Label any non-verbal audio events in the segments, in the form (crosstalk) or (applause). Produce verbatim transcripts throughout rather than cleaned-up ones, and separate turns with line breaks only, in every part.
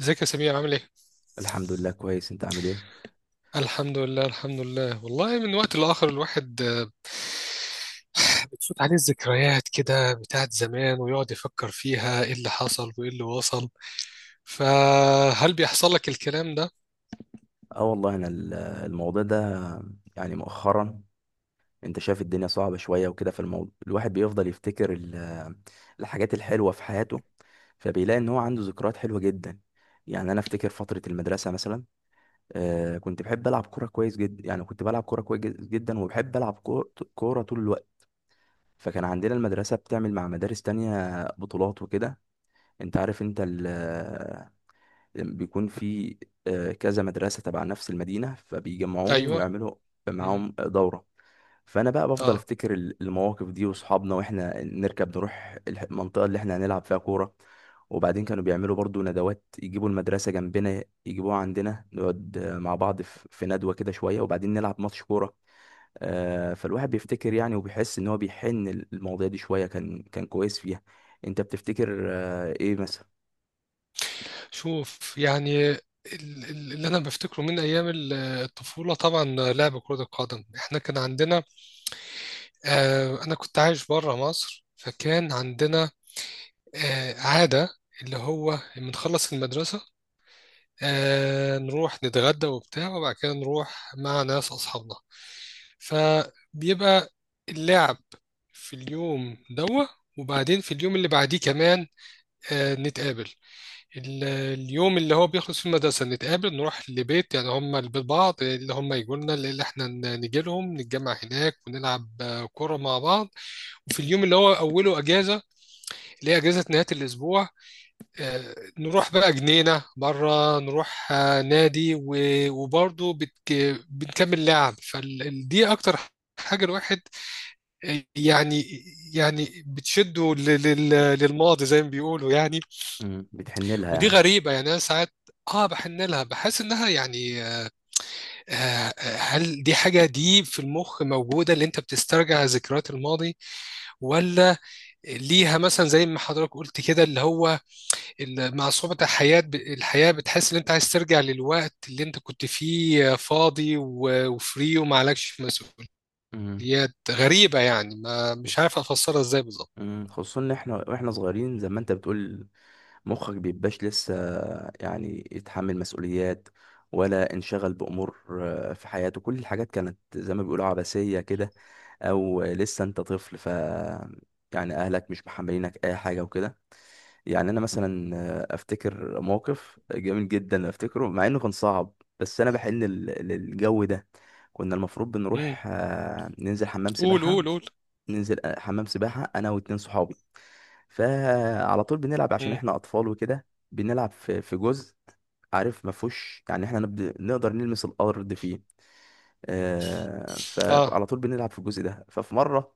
ازيك يا سمير، عامل ايه؟
الحمد لله، كويس. انت عامل ايه؟
الحمد لله، الحمد لله، والله من وقت لآخر الواحد آه، بتفوت عليه الذكريات كده بتاعت زمان ويقعد يفكر فيها ايه اللي حصل وايه اللي وصل. فهل بيحصل لك الكلام ده؟
اه والله، انا ال- الموضوع ده يعني مؤخرا، انت شايف الدنيا صعبة شوية وكده، في الموضوع الواحد بيفضل يفتكر ال- الحاجات الحلوة في حياته، فبيلاقي ان هو عنده ذكريات حلوة جدا. يعني انا افتكر فترة المدرسة مثلا. آه كنت بحب العب كورة كويس جدا، يعني كنت بلعب كورة كويس جد- جدا، وبحب العب كو- كورة طول الوقت. فكان عندنا المدرسة بتعمل مع مدارس تانية بطولات وكده. انت عارف، انت بيكون في آه، كذا مدرسة تبع نفس المدينة، فبيجمعوهم
ايوه.
ويعملوا
مم.
معاهم دورة. فأنا بقى بفضل
اه.
أفتكر ال- المواقف دي وصحابنا، وإحنا نركب نروح الح- المنطقة اللي إحنا هنلعب فيها كورة. وبعدين كانوا بيعملوا برضو ندوات، يجيبوا المدرسة جنبنا يجيبوها عندنا، نقعد آه، مع بعض في في ندوة كده شوية، وبعدين نلعب ماتش كورة. آه، فالواحد بيفتكر يعني، وبيحس إن هو بيحن. المواضيع دي شوية كان كان كويس فيها. أنت بتفتكر آه، إيه مثلا؟
شوف، يعني ال- ال- اللي انا بفتكره من ايام ال- الطفوله، طبعا لعب كره القدم. احنا كان عندنا آه انا كنت عايش بره مصر، فكان عندنا آه عاده اللي هو بنخلص المدرسه آه نروح نتغدى وبتاع، وبعد كده نروح مع ناس أصحابنا. فبيبقى اللعب في اليوم دوا، وبعدين في اليوم اللي بعديه كمان آه نتقابل. ال- اليوم اللي هو بيخلص فيه المدرسة نتقابل نروح لبيت، يعني هم البيت بعض، اللي هم يجوا لنا اللي احنا ن- نجي لهم، نتجمع هناك ونلعب آه، كورة مع بعض. وفي اليوم اللي هو أوله أجازة، اللي هي أجازة نهاية الأسبوع، آه، نروح بقى جنينة، مرة نروح آه، نادي، و- وبرضه بتك... بنكمل لعب. فدي أكتر حاجة الواحد آه، يعني يعني بتشده لل- لل- للماضي زي ما بيقولوا يعني.
مم. بتحن لها
ودي
يعني.
غريبة، يعني أنا ساعات اه بحن لها، بحس انها يعني آه، آه، هل دي حاجة دي في المخ موجودة اللي انت بتسترجع ذكريات الماضي؟ ولا ليها مثلا زي ما حضرتك قلت كده، اللي هو ال- مع صعوبة الحياة، ب- الحياة بتحس إن أنت عايز ترجع للوقت اللي أنت كنت فيه فاضي و- وفري وما عليكش مسؤوليات.
مم.
غريبة، يعني ما مش عارف أفسرها إزاي بالظبط.
مم، خصوصا ان احنا واحنا صغيرين زي ما انت بتقول، مخك بيبقاش لسه يعني يتحمل مسؤوليات، ولا انشغل بامور آه، في حياته. كل الحاجات كانت زي ما بيقولوا عبثيه كده، او لسه انت طفل، ف يعني اهلك مش محملينك اي حاجه وكده. يعني انا مثلا آه، افتكر موقف جميل جدا افتكره مع انه كان صعب، بس انا بحن لل- للجو ده. كنا المفروض
مم.
بنروح آه، ننزل حمام
قول
سباحه،
قول قول.
ننزل حمام سباحة أنا واتنين صحابي. فعلى طول بنلعب عشان
مم.
إحنا أطفال وكده، بنلعب في في جزء، عارف ما فيهوش، يعني إحنا نبد... نقدر نلمس الأرض فيه. آه
آه.
فعلى طول بنلعب في الجزء ده. ففي مرة،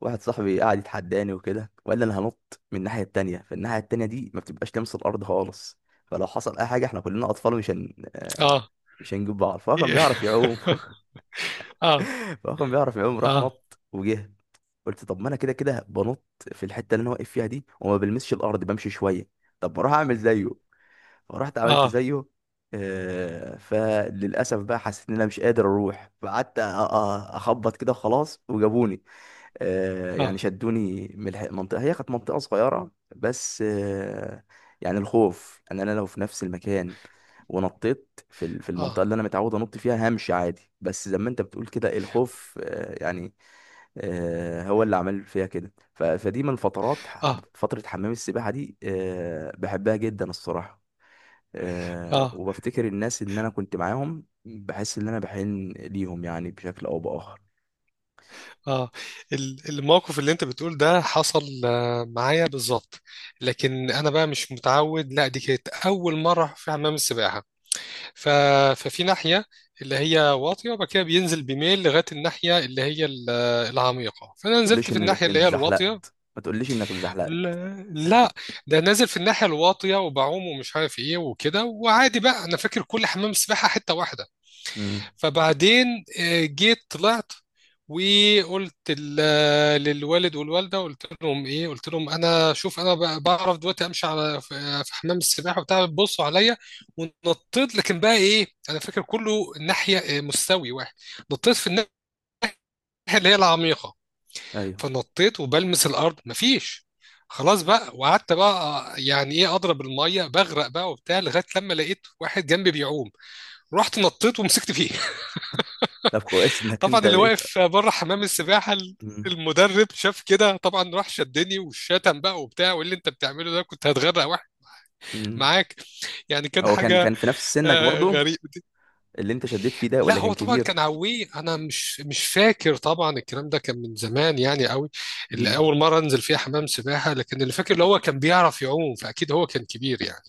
واحد صاحبي قعد يتحداني وكده، وقال لي أنا هنط من الناحية التانية، فالناحية التانية دي ما بتبقاش لامس الأرض خالص. فلو حصل أي حاجة إحنا كلنا أطفال، مش هن... آه،
آه.
مش هنجيب بعض. فهو كان بيعرف يعوم (laughs)
(laughs) آه.
فهو كان بيعرف يعوم، راح
آه.
نط وجه. قلت طب ما انا كده كده بنط في الحته اللي انا واقف فيها دي، وما بلمسش الارض، بمشي شويه. طب ما اروح اعمل زيه. فرحت عملت
آه.
زيه. آه، فللاسف بقى حسيت ان انا مش قادر اروح، فقعدت أ- أ- اخبط كده وخلاص، وجابوني. آه، يعني
آه.
شدوني من الح- المنطقه، هي كانت منطقه صغيره بس. آه، يعني الخوف ان انا لو في نفس المكان ونطيت في ال- في
آه.
المنطقه اللي انا متعود انط فيها همشي عادي، بس زي ما انت بتقول كده، الخوف آه، يعني آه، هو اللي عمل فيها كده. ف- فدي من فترات ح-
آه.
فترة حمام السباحة دي، آه، بحبها جدا الصراحة. آه،
آه.
وبفتكر الناس اللي انا كنت معاهم، بحس ان انا بحن ليهم يعني بشكل او باخر.
آه. ال- الموقف اللي أنت بتقول ده حصل آه، معايا بالظبط. لكن أنا بقى مش متعود، لا دي كانت أول مرة في حمام السباحة. ف... ففي ناحية اللي هي واطية، وبعد كده بينزل بميل لغاية الناحية اللي هي ال- العميقة. فأنا
ما
نزلت
تقوليش
في
انك
الناحية اللي
انت
هي
زحلقت،
الواطية.
ما تقوليش انك اتزحلقت؟
لا لا، ده نازل في الناحية الواطية وبعوم ومش عارف ايه وكده وعادي بقى، أنا فاكر كل حمام سباحة حتة واحدة.
امم.
فبعدين آه، جيت طلعت وقلت ال- للوالد والوالده، قلت لهم ايه، قلت لهم انا شوف انا ب- بعرف دلوقتي امشي على في في حمام السباحه وبتاع، بصوا عليا. ونطيت، لكن بقى ايه، انا فاكر كله ناحيه آه، مستوي واحد. نطيت في الناحيه اللي هي العميقه،
ايوه.
فنطيت وبلمس الارض مفيش. خلاص بقى، وقعدت بقى آه، يعني ايه اضرب الميه بغرق بقى وبتاع، لغايه لما لقيت واحد جنبي بيعوم، رحت نطيت ومسكت فيه.
طب، كويس انك
طبعا
انت
اللي
لقيت.
واقف بره حمام السباحه
امم.
المدرب شاف كده طبعا، راح شدني والشتم بقى وبتاع، وايه اللي انت بتعمله ده، كنت هتغرق واحد
امم.
معاك. يعني كان
هو كان
حاجه
كان في نفس سنك
آه،
برضو،
غريبه دي.
اللي انت شديت فيه ده
لا
ولا
هو
كان
طبعا كان
كبير؟
عويه، انا مش مش فاكر طبعا، الكلام ده كان من زمان يعني قوي، اللي
امم.
اول مره انزل فيها حمام سباحه. لكن اللي فاكر اللي هو كان بيعرف يعوم، فاكيد هو كان كبير يعني.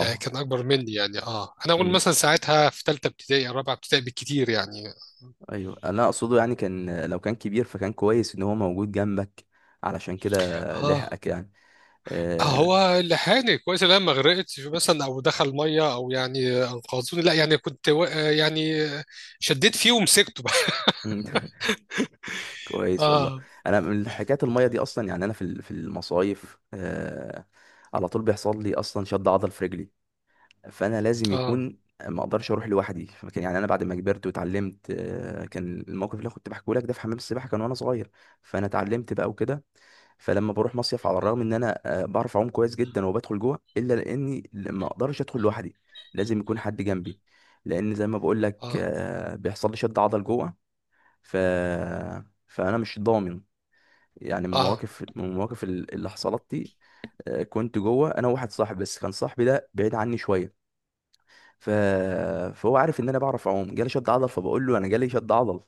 آه، كان اكبر مني يعني. اه انا اقول مثلا ساعتها في ثالثه ابتدائي او رابعه ابتدائي بالكتير يعني.
ايوه، انا اقصده يعني، كان لو كان كبير فكان كويس ان هو موجود جنبك، علشان كده
اه،
لحقك يعني. آه...
هو لحقني كويس ان انا ما غرقتش مثلا او دخل ميه، او يعني انقذوني لا، يعني كنت و... يعني شديت فيه ومسكته بقى.
مم. (laughs)
(laughs)
كويس والله.
اه.
انا من حكايه الميه دي اصلا يعني، انا في ال- في المصايف، آه... على طول بيحصل لي اصلا شد عضل في رجلي، فانا لازم
اه.
يكون، ما اقدرش اروح لوحدي. فكان يعني انا بعد ما كبرت واتعلمت، آه، كان الموقف اللي أنا كنت بحكيه لك ده في حمام السباحه، كان وانا صغير، فانا اتعلمت بقى وكده. فلما بروح مصيف، على الرغم ان انا آه، بعرف اعوم كويس جدا وبدخل جوه، الا لاني ما اقدرش ادخل لوحدي، لازم يكون حد جنبي، لان زي ما بقول لك
اه.
آه، بيحصل لي شد عضل جوه. ف فانا مش ضامن، يعني من
اه.
المواقف من المواقف اللي حصلت دي، آه، كنت جوه انا وواحد صاحبي، بس كان صاحبي ده بعيد عني شويه. ف... فهو عارف ان انا بعرف اعوم، جالي شد عضل، فبقول له انا جالي شد عضل.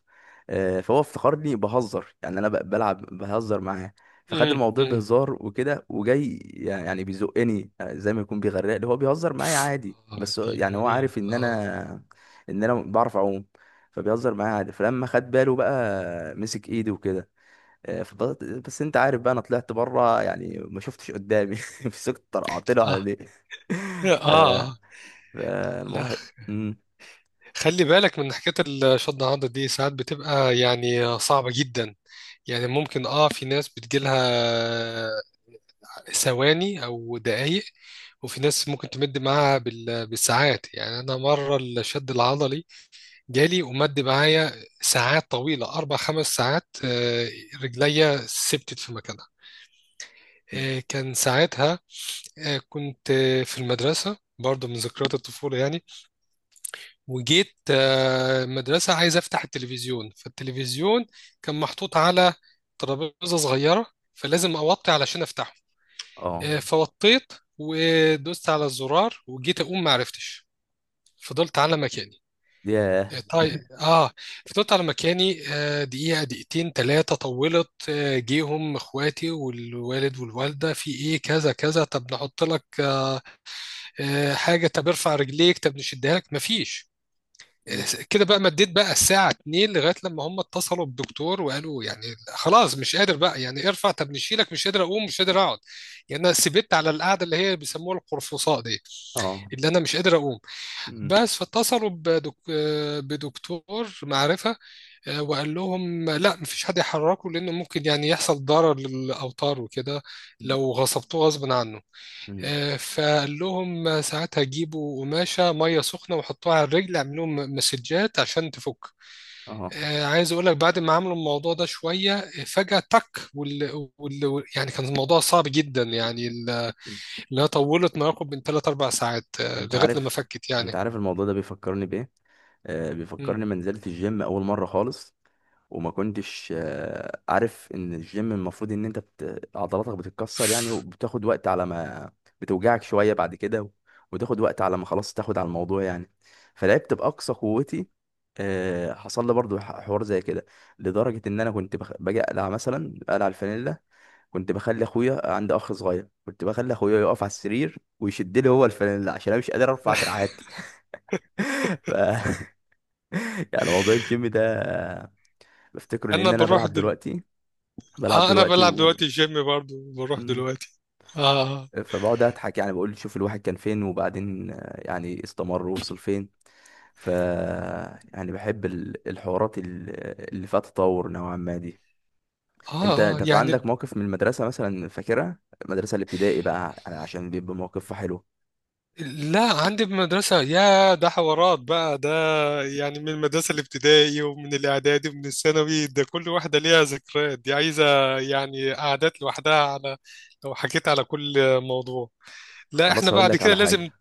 آه، فهو افتكرني بهزر، يعني انا ب- بلعب بهزر معاه، فخد
امم.
الموضوع
امم.
بهزار وكده، وجاي يعني بيزقني آه، زي ما يكون بيغرقني، هو بيهزر معايا عادي،
اه،
بس هو-
دي
يعني هو
مميت.
عارف ان
اه.
انا ان انا بعرف اعوم، فبيهزر معايا عادي. فلما خد باله بقى مسك ايدي وكده. آه، فضلت. بس انت عارف بقى، انا طلعت بره يعني ما شفتش قدامي (laughs) مسكت طرقعت له على
اه.
ليه. (laughs) ف
اه. لا،
فالموحد. مم.
خلي بالك من حكايه الشد عضة دي، ساعات بتبقى يعني صعبه جدا. يعني ممكن اه في ناس بتجيلها ثواني او دقايق، وفي ناس ممكن تمد معاها بال- بالساعات. يعني انا مره الشد العضلي جالي ومد معايا ساعات طويلة، أربع خمس ساعات. آه، رجليا ثبتت في مكانها. آه، كان ساعتها آه، كنت آه، في المدرسة برضه، من ذكريات الطفولة يعني. وجيت آه، المدرسة عايز أفتح التلفزيون، فالتلفزيون كان محطوط على ترابيزة صغيرة، فلازم أوطي علشان أفتحه.
اه.
آه، فوطيت ودوست على الزرار، وجيت أقوم معرفتش. فضلت على مكاني.
ياه.
طيب، اه فضلت على مكاني آه، دقيقة دقيقتين ثلاثة، طولت. آه، جيهم اخواتي والوالد والوالدة في ايه كذا كذا، طب نحط لك آه، آه، حاجة، طب ارفع رجليك، طب نشدها لك، مفيش.
مم.
آه، كده بقى، مديت بقى الساعة اتنين لغاية لما هم اتصلوا بالدكتور وقالوا يعني خلاص مش قادر بقى يعني ارفع، طب نشيلك، مش قادر اقوم مش قادر اقعد. يعني انا سبت على القعدة اللي هي بيسموها القرفصاء دي،
اه.
اللي انا مش قادر اقوم
مم.
بس. فاتصلوا بدك... آه، بدكتور معرفة، آه، وقال لهم لا مفيش حد يحركه، لأنه ممكن يعني يحصل ضرر للأوتار وكده لو غصبتوه غصب عنه.
مم.
آه، فقال لهم ساعتها جيبوا قماشة مية سخنة وحطوها على الرجل، اعملوا لهم مسجات عشان تفك.
اه.
آه، عايز اقول لك بعد ما عملوا الموضوع ده شويه آه، فجاه تك. وال... وال... يعني كان الموضوع صعب جدا، يعني ال- اللي هي طولت ما يقرب من ثلاث أربع ساعات آه،
انت
لغايه لما
عارف
فكت يعني.
انت عارف الموضوع ده بيفكرني بايه. آه،
مم.
بيفكرني ما نزلت الجيم اول مره خالص، وما كنتش آه، عارف ان الجيم المفروض ان انت بت... عضلاتك بتتكسر يعني، وبتاخد وقت على ما بتوجعك شويه بعد كده، و... وتاخد وقت على ما خلاص تاخد على الموضوع يعني. فلعبت باقصى قوتي. آه، حصل لي برضو ح- حوار زي كده، لدرجه ان انا كنت بخ... باجي اقلع، مثلا اقلع الفانيلا. كنت بخلي اخويا، عندي اخ صغير، كنت بخلي اخويا يقف على السرير ويشد لي هو الفانيلا عشان انا مش قادر ارفع
(laughs)
دراعاتي. (laughs) ف... (laughs) يعني موضوع الجيم ده بفتكره،
انا
لان انا
بروح
بلعب
دل...
دلوقتي، بلعب
اه انا
دلوقتي
بلعب
و
دلوقتي جيم برضو، بروح
مم.
دلوقتي. آه
فبقعد اضحك، يعني بقول شوف الواحد كان فين، وبعدين آه، يعني استمر ووصل فين. ف يعني بحب ال- الحوارات ال- اللي فيها تطور نوعا ما دي. انت
آه
انت في
يعني
عندك موقف من المدرسة مثلا فاكرها؟ المدرسة الابتدائي بقى يعني، عشان بيبقى موقفها حلو.
لا، عندي بمدرسة يا، ده حوارات بقى ده، يعني من المدرسة الابتدائي ومن الإعدادي ومن الثانوي، ده كل واحدة ليها ذكريات، دي عايزة يعني قعدات لوحدها. على لو حكيت على كل موضوع لا، احنا
خلاص، اقول
بعد
لك
كده
على
لازم.
حاجة،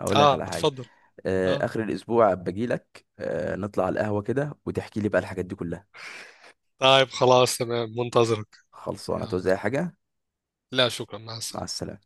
اقول لك
آه،
على حاجة.
اتفضل.
آه،
آه،
اخر الاسبوع باجي لك، آه، نطلع على القهوة كده وتحكي لي بقى الحاجات دي كلها.
طيب، خلاص تمام، منتظرك.
خلصانه
يلا.
توزع حاجه؟
لا شكرا، مع
مع
السلامة.
السلامه.